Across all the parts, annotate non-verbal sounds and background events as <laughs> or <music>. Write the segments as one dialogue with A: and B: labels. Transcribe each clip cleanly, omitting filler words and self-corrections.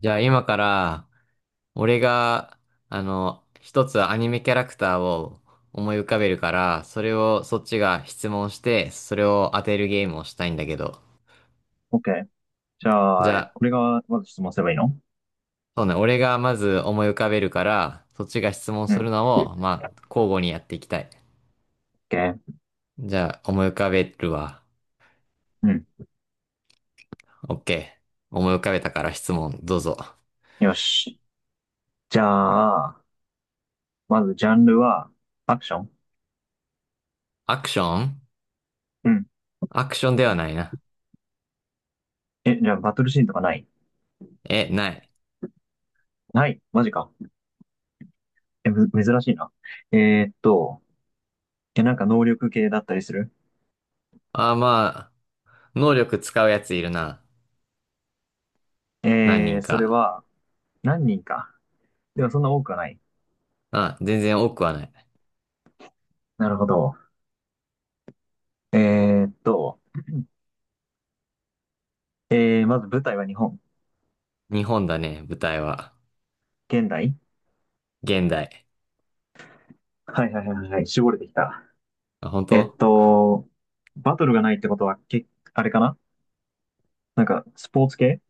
A: じゃあ今から、俺が、一つアニメキャラクターを思い浮かべるから、それをそっちが質問して、それを当てるゲームをしたいんだけど。
B: OK。じ
A: じ
B: ゃ
A: ゃ
B: あ、
A: あ、
B: これがまず質問すればいいの？
A: そうね、俺がまず思い浮かべるから、そっちが質問
B: う
A: する
B: ん。
A: のを、まあ、交互にやっていきたい。
B: OK。
A: じゃあ、思い浮かべるわ。
B: うん。
A: オッケー。思い浮かべたから質問、どうぞ。
B: よし。じゃあ、まずジャンルは、アクション？
A: アクション。
B: うん。
A: アクションではないな。
B: え、じゃあバトルシーンとかない？
A: え、ない。
B: ないマジか。え、珍しいな。えーっと、え、なんか能力系だったりする？
A: あ、まあ、能力使うやついるな。何人
B: それ
A: か。
B: は、何人か。でもそんな多くはない。
A: あ、全然多くはない。
B: なるほど。えーっと、まず舞台は日本。
A: 日本だね、舞台は。
B: 現代？
A: 現代。
B: はいはいはいはい。絞れてきた。
A: あ、本
B: えっ
A: 当？
B: と、バトルがないってことは、あれかな？なんか、スポーツ系？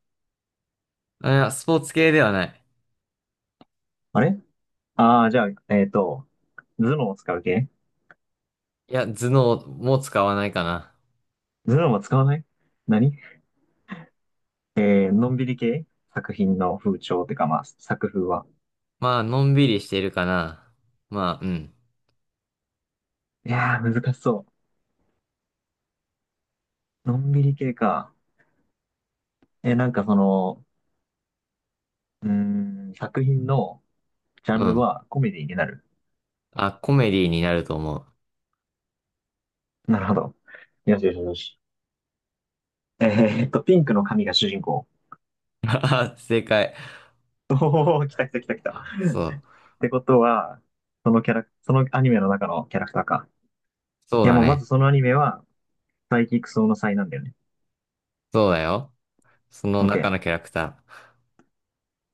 A: あ、いや、スポーツ系ではない。
B: あれ？じゃあ、頭脳を使う系？
A: いや、頭脳も使わないかな。
B: 頭脳は使わない？何？のんびり系？作品の風潮ってか、まあ、作風は。
A: まあ、のんびりしてるかな。まあ、うん。
B: いやー、難しそう。のんびり系か。なんかその、作品のジャ
A: う
B: ンル
A: ん。
B: はコメディになる？
A: あ、コメディになると思う。
B: なるほど。よしよしよし。ピンクの髪が主人公。
A: <laughs> あ、正解。
B: おー、来た来た来た来た。っ
A: そう。
B: てことは、そのキャラ、そのアニメの中のキャラクターか。
A: そう
B: いや、
A: だ
B: まあ、まず
A: ね。
B: そのアニメは、サイキクソウの才なんだよね。
A: そうだよ。その中
B: OK。
A: のキャラクター。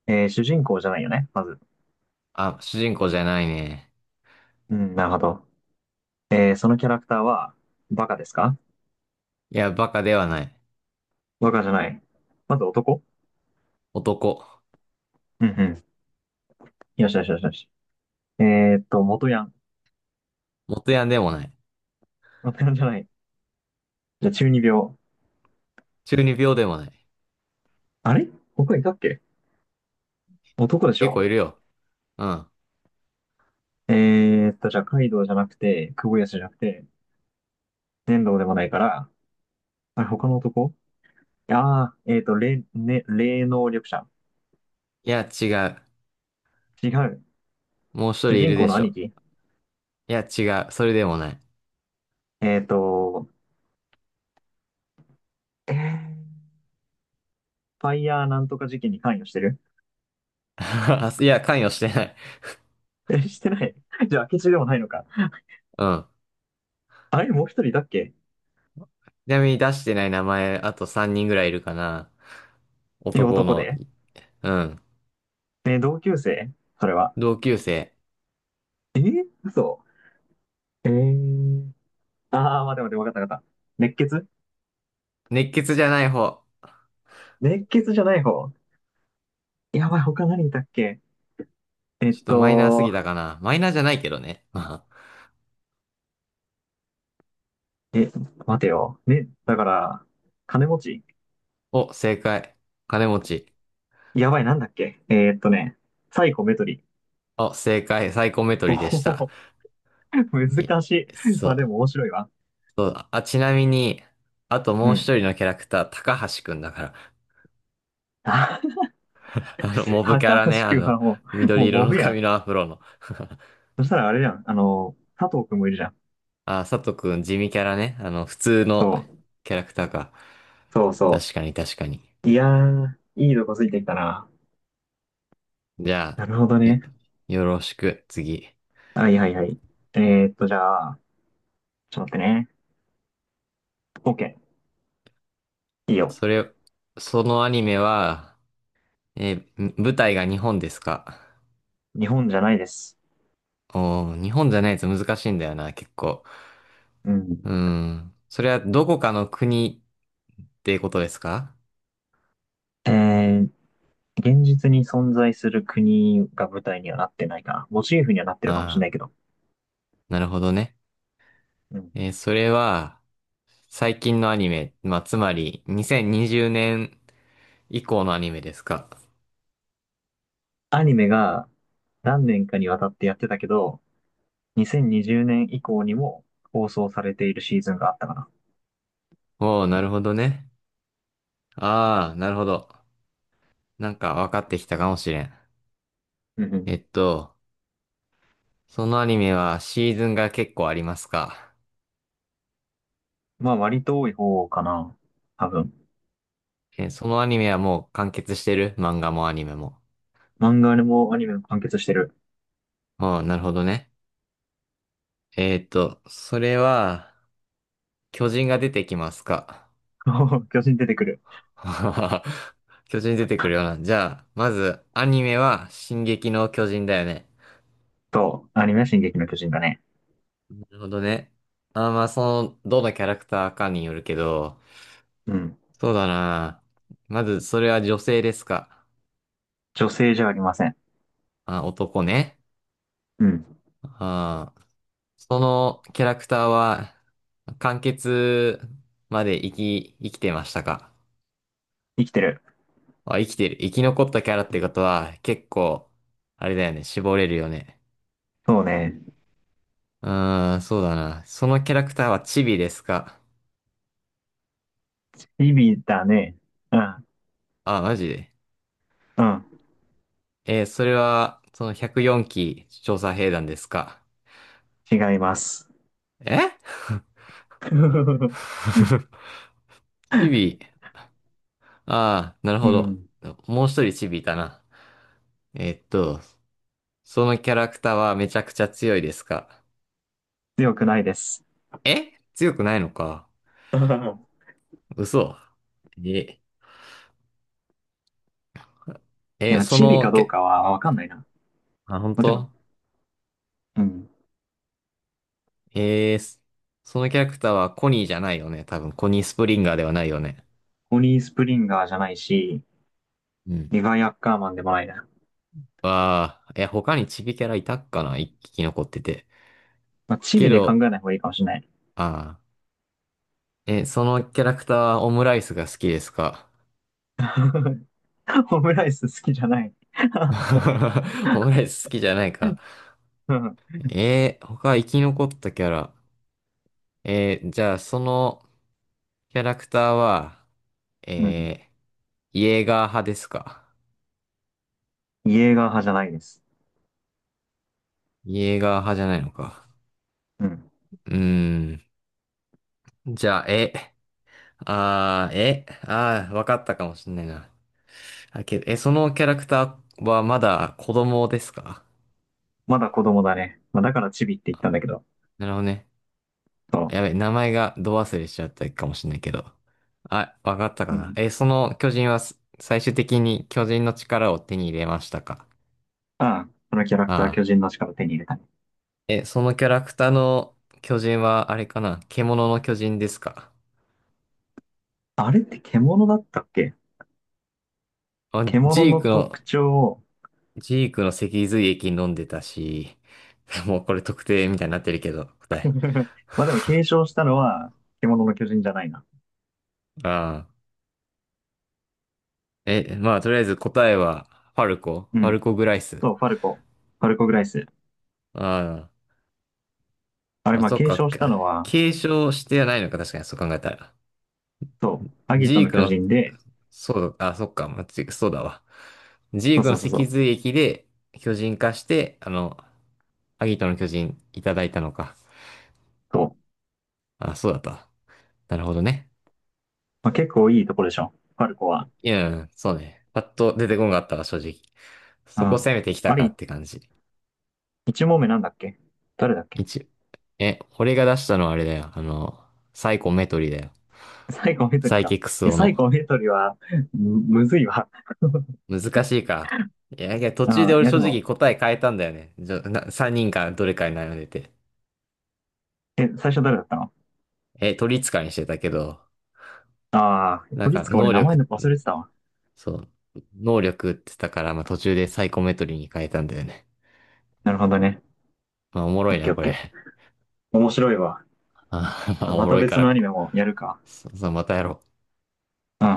B: 主人公じゃないよね、まず。
A: あ、主人公じゃないね。
B: うん、なるほど。そのキャラクターは、バカですか？
A: いや、バカではない。
B: バカじゃない。まず男？
A: 男。
B: うんうん。よしよしよしよし。え元ヤン？
A: 元ヤンでもない。
B: 元ヤンじゃない。じゃあ、中二病？
A: 中二病でもない。
B: あれ？他いたっけ？男でし
A: 結構
B: ょ？
A: いるよ。うん。
B: じゃあ、カイドウじゃなくて、クボヤスじゃなくて、粘土でもないから、あれ、他の男？ね、霊能力者？
A: いや、違う。
B: 違う。
A: もう一人
B: 主
A: い
B: 人
A: る
B: 公
A: で
B: の
A: し
B: 兄
A: ょ。
B: 貴？
A: いや、違う。それでもない。
B: えーっと、えーファイヤーなんとか事件に関与してる？
A: <laughs> あ、いや、関与してない。
B: え、してない？ <laughs> じゃあ、明智でもないのか。
A: うん。
B: あれ、もう一人いたっけ？
A: ちなみに出してない名前、あと3人ぐらいいるかな。
B: え、
A: 男
B: 男
A: の、
B: で、
A: うん。
B: ね、同級生？それは。
A: 同級生。
B: 嘘。えー。あー、待って待って、わかったわかった。熱血？
A: 熱血じゃない方。
B: 熱血じゃない方。やばい、他何いたっけ？えっ
A: ちょっとマイナーすぎ
B: と、
A: たかな。マイナーじゃないけどね。<laughs> まあ。
B: え、待てよ。ね、だから、金持ち。
A: お、正解。金持ち。
B: やばい、なんだっけ？ね、サイコメトリ。<laughs>
A: お、正解。サイコメトリで
B: ほ
A: し
B: ほ
A: た。
B: ほ、
A: え、
B: 難しい。
A: そ
B: まあで
A: う。
B: も面白いわ。
A: そう。あ、ちなみに、あと
B: う
A: もう一
B: ん。
A: 人のキャラクター、高橋くんだから。
B: あ、
A: <laughs>
B: <laughs>
A: モブキャ
B: 高
A: ラ
B: 橋
A: ね。
B: くんはもう、
A: 緑
B: もう
A: 色
B: モ
A: の
B: ブや
A: 髪
B: ん。
A: のアフロの。<laughs>
B: そしたらあれじゃん。あの、佐藤くんもいるじゃん。
A: あー、佐藤くん、地味キャラね。普通の
B: そう。
A: キャラクターか。
B: そうそ
A: 確かに、確かに。
B: う。いやー、いいとこついてきたな。
A: じゃあ、
B: なるほどね。
A: よろしく、次。
B: はいはいはい。えじゃあ、ちょっと待ってね。OK。いいよ。
A: それ、そのアニメは、えーん、舞台が日本ですか？
B: 日本じゃないです。
A: おー、日本じゃないと難しいんだよな、結構。
B: う
A: う
B: ん。
A: ーん。それはどこかの国ってことですか？
B: えー、現実に存在する国が舞台にはなってないかな。モチーフにはなってるかもしれな
A: あ
B: い
A: あ
B: けど。
A: ー、なるほどね。
B: うん。
A: えー、それは、最近のアニメ、まあ、つまり、2020年以降のアニメですか？
B: アニメが何年かにわたってやってたけど、2020年以降にも放送されているシーズンがあったかな。
A: おー、なるほどね。ああ、なるほど。なんか分かってきたかもしれん。
B: うんうん。
A: えっと、そのアニメはシーズンが結構ありますか。
B: まあ割と多い方かな。多分。
A: え、そのアニメはもう完結してる？漫画もアニメも。
B: 漫画でもアニメも完結してる。
A: うん、なるほどね。えっと、それは、巨人が出てきますか。
B: <laughs> そう、巨人出てくる。
A: <laughs> 巨人出てくるような。じゃあ、まず、アニメは、進撃の巨人だよね。
B: そう。アニメは進撃の巨人だね。
A: なるほどね。あー、まあ、その、どのキャラクターかによるけど、
B: うん。
A: そうだな。まず、それは女性ですか。
B: 女性じゃありません。
A: あ、男ね。
B: うん。
A: あー、そのキャラクターは、完結まで生き、生きてましたか？
B: 生きてる。
A: あ、生きてる。生き残ったキャラってことは、結構、あれだよね。絞れるよね。
B: そうね。
A: うーん、そうだな。そのキャラクターはチビですか？
B: チビだね。うん。
A: あ、マジで。
B: うん。
A: えー、それは、その104期調査兵団ですか？
B: 違います。
A: え。
B: <laughs>
A: <laughs> チビ。ああ、なる
B: う
A: ほど。
B: ん。
A: もう一人チビいたな。えーっと、そのキャラクターはめちゃくちゃ強いですか？
B: 強くないです。
A: え、強くないのか？
B: <laughs>
A: 嘘。え、
B: い
A: え、
B: や、
A: そ
B: チビか
A: の
B: どう
A: け、
B: かはわかんないな。ま
A: あ、本
B: あ、でも、
A: 当？
B: うん。
A: えー、そのキャラクターはコニーじゃないよね。多分、コニースプリンガーではないよね。
B: ホニースプリンガーじゃないし、
A: うん。
B: リヴァイアッカーマンでもないな。
A: わあ、え、他にチビキャラいたっかな、一匹残ってて。
B: まあ、チ
A: け
B: ビで考
A: ど、
B: えない方がいいかもしれない。
A: ああ、え、そのキャラクターはオムライスが好きですか？
B: <laughs> オムライス好きじゃない。<laughs>
A: <laughs> オムライス好きじゃないか。
B: うん。
A: えー、他生き残ったキャラ。えー、じゃあ、そのキャラクターは、
B: うん、
A: えー、イエーガー派ですか？
B: イエーガー派じゃないです。
A: イエーガー派じゃないのか。
B: うん。
A: うーん。じゃあ、え、あー、え、あー、わかったかもしんないな。あ、けど、え、そのキャラクターはまだ子供ですか？
B: まだ子供だね。まあ、だからチビって言ったんだけど。
A: なるほどね。
B: そ
A: やべ、名前がど忘れしちゃったかもしんないけど。あ、わかった
B: う。
A: か
B: う
A: な。
B: ん。
A: え、その巨人は最終的に巨人の力を手に入れましたか？
B: ああ、このキャラクター
A: ああ。
B: 巨人の力手に入れたね。
A: え、そのキャラクターの巨人はあれかな、獣の巨人ですか？
B: あれって獣だったっけ？
A: あ、ジ
B: 獣の
A: ークの
B: 特徴を
A: ジークの脊髄液飲んでたし、<laughs> もうこれ特定みたいになってるけど、答え。
B: <laughs> まあでも
A: <laughs>
B: 継承したのは獣の巨人じゃないな。
A: ああ。え、まあ、とりあえず答えは、
B: う
A: ファル
B: ん。
A: コグライス。
B: そう、ファルコ。ファルコグライス。
A: あ
B: あ
A: あ。
B: れ、
A: あ、
B: まあ
A: そっ
B: 継
A: か、
B: 承したのは、
A: 継承してはないのか、確かに、そう考えたら。
B: そう、アギ
A: ジ
B: ト
A: ー
B: の
A: ク
B: 巨
A: の、
B: 人で、
A: そうだ、あ、そっか、そうだわ。ジ
B: そ
A: ー
B: う
A: ク
B: そ
A: の
B: うそうそ
A: 脊
B: う。
A: 髄液で巨人化して、あの、アギトの巨人いただいたのか。
B: そう。
A: あ、そうだった。なるほどね。
B: まあ、結構いいとこでしょ。ファルコは。
A: いや、そうね。パッと出てこんかったわ、正直。
B: う
A: そこ
B: ん。
A: 攻めてきた
B: あ
A: か
B: れ、
A: って感じ。
B: 一問目なんだっけ？誰だっけ？
A: 一、え、俺が出したのはあれだよ。あの、サイコメトリだよ。
B: サイコメトリ
A: サイ
B: か。
A: キクス
B: いや、
A: オ
B: サイ
A: の。
B: コメトリは、むずいわ。
A: 難しいか。いや、いや、途中
B: あ
A: で
B: あ、い
A: 俺
B: や
A: 正
B: で
A: 直
B: も、
A: 答え変えたんだよね。じゃ、な、3人かどれかに悩んでて。
B: 最初誰だったの？
A: え、取り使いにしてたけど、
B: ああ、
A: なん
B: 鳥
A: か、
B: 塚俺
A: 能
B: 名前
A: 力、
B: の忘れてたわ。
A: そう、能力って言ったから、まあ、途中でサイコメトリに変えたんだよね。
B: なるほどね。
A: まあ、おもろ
B: オッ
A: い
B: ケ
A: な、
B: ーオッ
A: こ
B: ケ
A: れ。
B: ー。面白いわ。
A: あー <laughs> まあお
B: ま
A: も
B: た
A: ろいか
B: 別の
A: ら、
B: アニメもやるか。
A: そう、またやろう。
B: うん。